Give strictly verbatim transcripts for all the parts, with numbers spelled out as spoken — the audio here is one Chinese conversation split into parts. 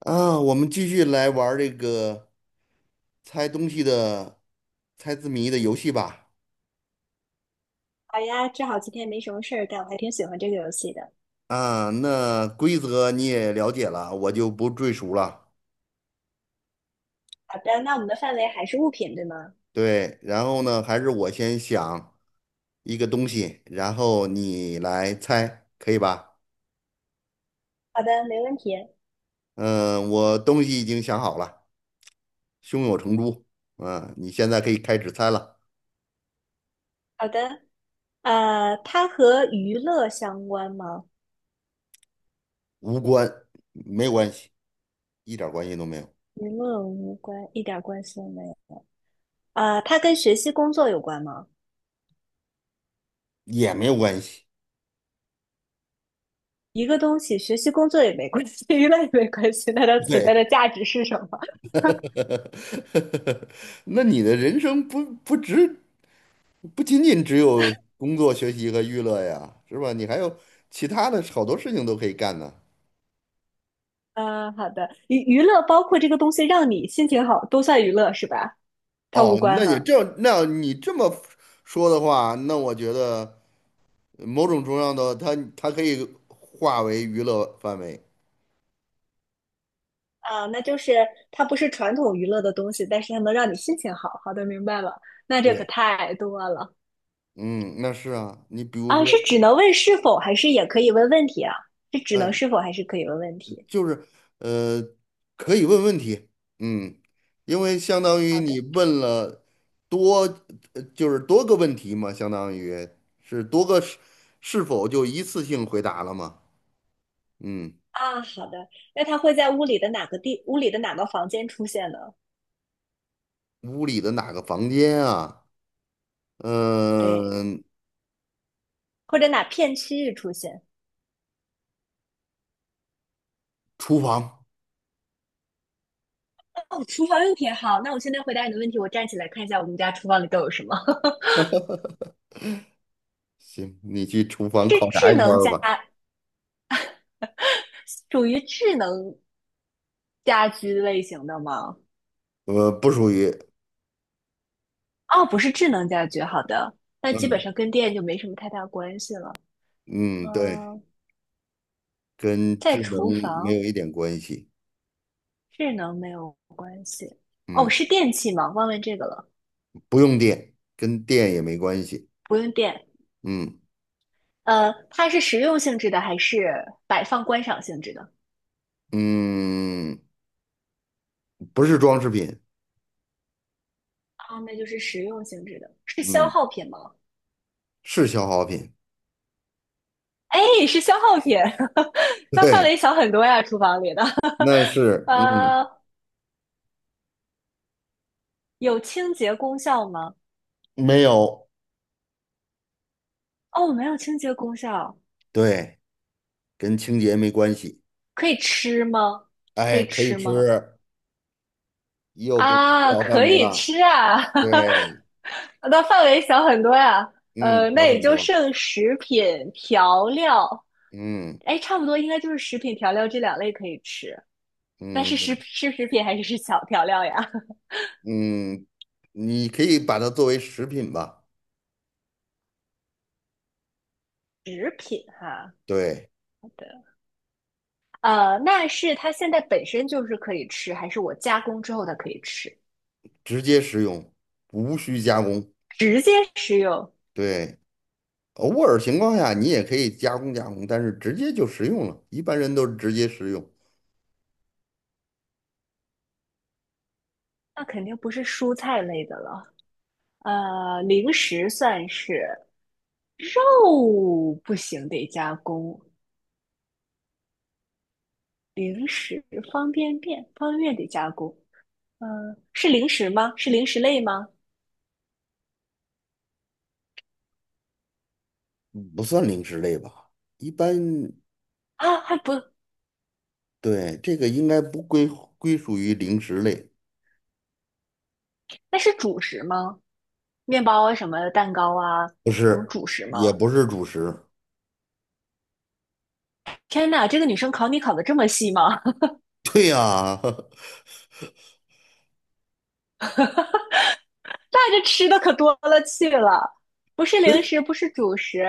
啊，我们继续来玩儿这个猜东西的、猜字谜的游戏吧。好呀，正好今天没什么事儿干，我还挺喜欢这个游戏的。啊，那规则你也了解了，我就不赘述了。好的，那我们的范围还是物品，对吗？对，然后呢，还是我先想一个东西，然后你来猜，可以吧？好的，没问题。嗯，我东西已经想好了，胸有成竹。嗯，你现在可以开始猜了。好的，呃，它和娱乐相关吗？无关，没关系，一点儿关系都没有，娱乐无关，一点关系都没有。呃，它跟学习工作有关吗？也没有关系。一个东西学习工作也没关系，娱乐也没关系，那它存在对。的价值是什么？呵呵呵，那你的人生不不只不仅仅只有工作、学习和娱乐呀，是吧？你还有其他的好多事情都可以干呢。呃，好的，娱娱乐包括这个东西让你心情好，都算娱乐是吧？它无哦，关那也哈。这，那你这么说的话，那我觉得某种重要的它它可以化为娱乐范围。啊，那就是它不是传统娱乐的东西，但是它能让你心情好。好的，明白了。那这可对，太多了。嗯，那是啊，你比如啊！说，是只能问是否，还是也可以问问题啊？是只哎，能是否，还是可以问问题？就是呃，可以问问题，嗯，因为相当于好你的。问了多，呃就是多个问题嘛，相当于是多个是是否就一次性回答了嘛？嗯，啊，好的。那它会在屋里的哪个地，屋里的哪个房间出现呢？屋里的哪个房间啊？对，嗯、或者哪片区域出现？厨房。哦，厨房用品好。那我现在回答你的问题，我站起来看一下我们家厨房里都有什么。行，你去厨房是考察智一圈能儿家，吧。属于智能家居类型的吗？呃，不属于，哦，不是智能家居，好的，那基本嗯上跟电就没什么太大关系了。嗯，对，嗯，跟智在能厨没有房，一点关系，智能没有关系。哦，嗯，是电器吗？忘问这个了，不用电，跟电也没关系，不用电。嗯。呃，它是实用性质的还是摆放观赏性质的？嗯，不是装饰品，啊，那就是实用性质的，是消嗯，耗品吗？是消耗品。哎，是消耗品，那范对，围小很多呀，厨房里的。那 是，嗯，呃，有清洁功效吗？没有，哦，没有清洁功效，对，跟清洁没关系，可以吃吗？可哎，以可以吃吃，吗？又给你吃啊，好饭可没以了，吃啊，对，那范围小很多呀。嗯，呃，小那也很就多，剩食品调料，嗯哎，差不多应该就是食品调料这两类可以吃。那是嗯食是食品还是是小调料呀？嗯，你可以把它作为食品吧，食品哈，对，好的。呃，那是它现在本身就是可以吃，还是我加工之后它可以吃？直接食用，无需加工，直接食用，对，偶尔情况下你也可以加工加工，但是直接就食用了，一般人都是直接食用。那肯定不是蔬菜类的了。呃，零食算是，哦，不行，得加工。零食方便面，方便面得加工。嗯、是零食吗？是零食类吗？不算零食类吧？一般啊，还不，对这个应该不归归属于零食类，那是主食吗？面包啊，什么蛋糕啊，不那种是，主食也吗？不是主食。天呐，这个女生考你考的这么细吗？对呀、带着吃的可多了去了，不是零食，不是主食，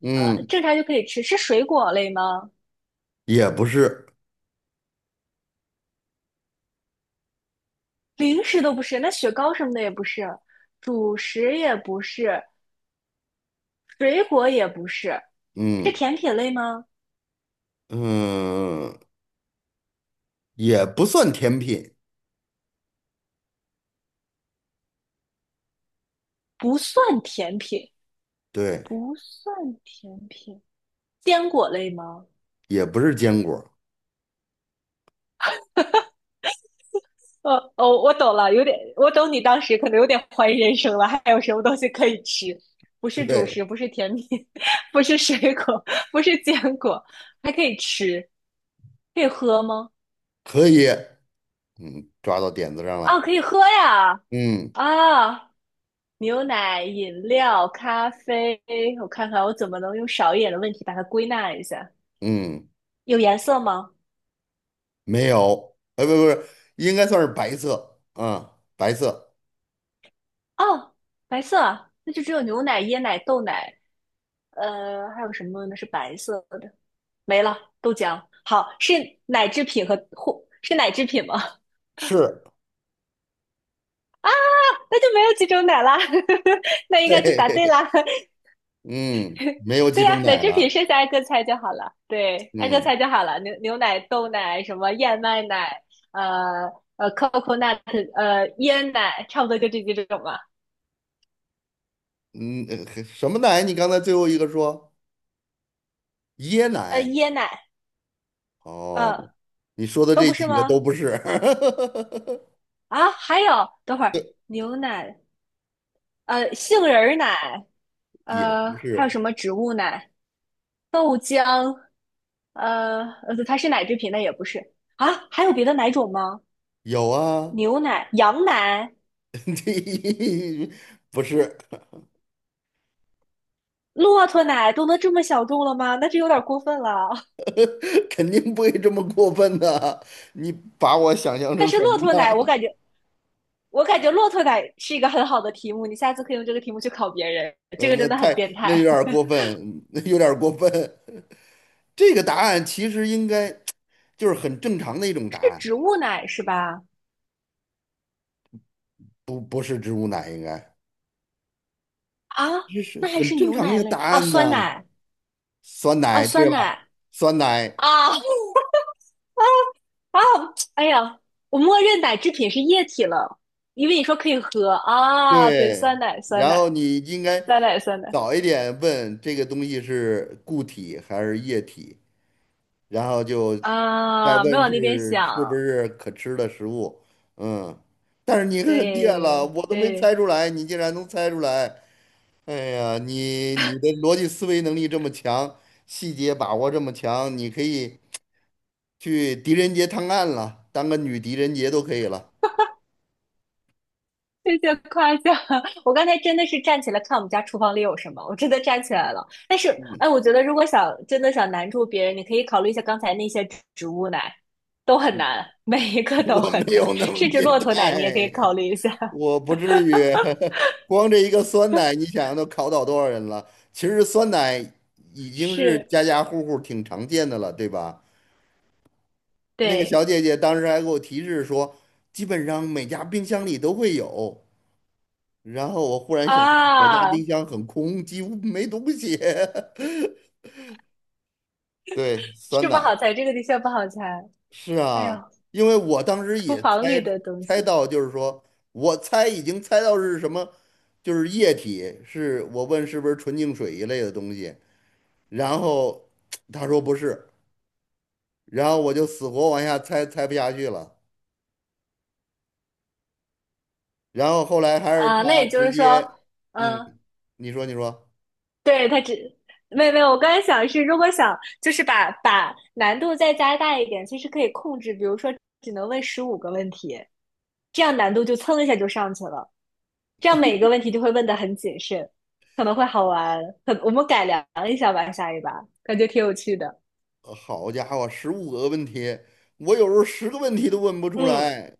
呃，嗯，正常就可以吃，是水果类吗？也不是，零食都不是，那雪糕什么的也不是，主食也不是，水果也不是，是嗯甜品类吗？嗯，也不算甜品，不算甜品，对，不算甜品，坚果类吗？也不是坚果，呃哦，我懂了，有点，我懂你当时可能有点怀疑人生了，还有什么东西可以吃？不是主对，食，不是甜品，不是水果，不是坚果，还可以吃，可以喝吗？可以，嗯，抓到点子上啊，了，可以喝呀！嗯啊，牛奶、饮料、咖啡，我看看我怎么能用少一点的问题把它归纳一下。嗯，有颜色吗？没有，哎，不不是，应该算是白色，啊，白色哦，白色啊，那就只有牛奶、椰奶、豆奶。呃，还有什么呢？是白色的，没了，豆浆。好，是奶制品和或是奶制品吗？是。那就没有几种奶啦，那 应该就答对对，啦。嗯，没有几对呀、种奶奶制品了。剩下挨个猜就好了。对，挨个嗯猜就好了。牛牛奶、豆奶、什么燕麦奶，呃呃，coconut，呃，椰奶，差不多就这几种吧。嗯，呃什么奶？你刚才最后一个说椰呃，奶。椰奶，哦，呃，你说的都这不是几个吗？都不是。啊，还有，等会儿，牛奶，呃，杏仁儿奶，也呃，不还有是，什么植物奶？豆浆，呃呃，它是奶制品，那也不是啊？还有别的奶种吗？有啊。牛奶、羊奶、这不是。骆驼奶都能这么小众了吗？那这有点过分了。肯定不会这么过分的。你把我想象但成是什骆么驼奶，我了？感觉，我感觉骆驼奶是一个很好的题目，你下次可以用这个题目去考别人，这嗯，个那真的很太变那有态。点儿过分，那有点儿过分。这个答案其实应该就是很正常的一种 是答案，植物奶是吧？不不是植物奶，应该啊，这是那还很是正牛常的一奶个类答啊？案酸呢。奶酸啊？奶，对酸吧？奶酸奶，啊？啊，哎呀，我默认奶制品是液体了，因为你说可以喝啊。对，酸对。奶，酸然后奶，你应该酸奶，酸奶早一点问这个东西是固体还是液体，然后就再啊，没问往那边是是不想。是可吃的食物。嗯，但是你很厉害了，对我都没猜对，出来，你竟然能猜出来。哎呀，你你的逻辑思维能力这么强，细节把握这么强，你可以去狄仁杰探案了，当个女狄仁杰都可以了。谢谢夸奖。我刚才真的是站起来看我们家厨房里有什么，我真的站起来了。但是，哎，我觉得如果想真的想难住别人，你可以考虑一下刚才那些植植物奶，都很难，每一个 都我很没难，有那么甚至变骆驼奶你也可以态，考虑一下。我不至于。光这一个酸奶，你想想都考倒多少人了？其实酸奶已经是是，家家户户挺常见的了，对吧？那个小对。姐姐当时还给我提示说，基本上每家冰箱里都会有。然后我忽然想到，我家啊，冰箱很空，几乎没东西。对，酸是不奶。好猜，这个的确不好猜。是哎呦，啊，因为我当时厨也房里猜的东猜西到，就是说我猜已经猜到是什么，就是液体，是我问是不是纯净水一类的东西，然后他说不是，然后我就死活往下猜猜不下去了，然后后来还是啊，那他也就直是说，接，嗯，嗯，你说你说，对，它只，没有没有，我刚才想的是，如果想就是把把难度再加大一点，其实可以控制，比如说只能问十五个问题，这样难度就蹭一下就上去了，这样每个问题就会问的很谨慎，可能会好玩。可我们改良一下吧，下一把感觉挺有趣的。呃好家伙，十五个问题，我有时候十个问题都问不出嗯，来。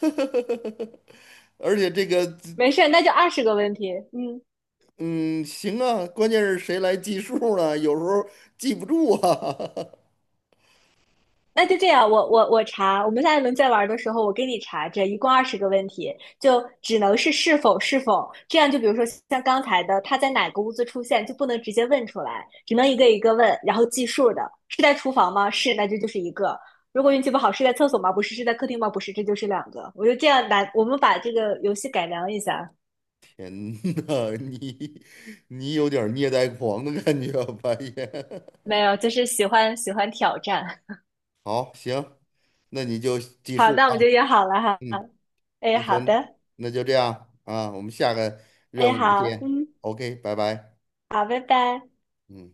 而且这个。没事，那就二十个问题。嗯。嗯，行啊，关键是谁来计数呢？有时候记不住啊。那就这样，我我我查，我们下一轮再玩的时候，我给你查这一共二十个问题，就只能是是否是否，这样就比如说像刚才的，他在哪个屋子出现，就不能直接问出来，只能一个一个问，然后计数的，是在厨房吗？是，那这就是一个。如果运气不好，是在厕所吗？不是，是在客厅吗？不是，这就是两个。我就这样来，我们把这个游戏改良一下。天呐，你你有点儿虐待狂的感觉啊，半夜。没有，就是喜欢喜欢挑战。好，行，那你就 记好，数那我啊。们就约好了哈。嗯，哎，那好行，的，那就这样啊，我们下个任哎，务好，见。嗯，OK,拜拜。好，拜拜。嗯。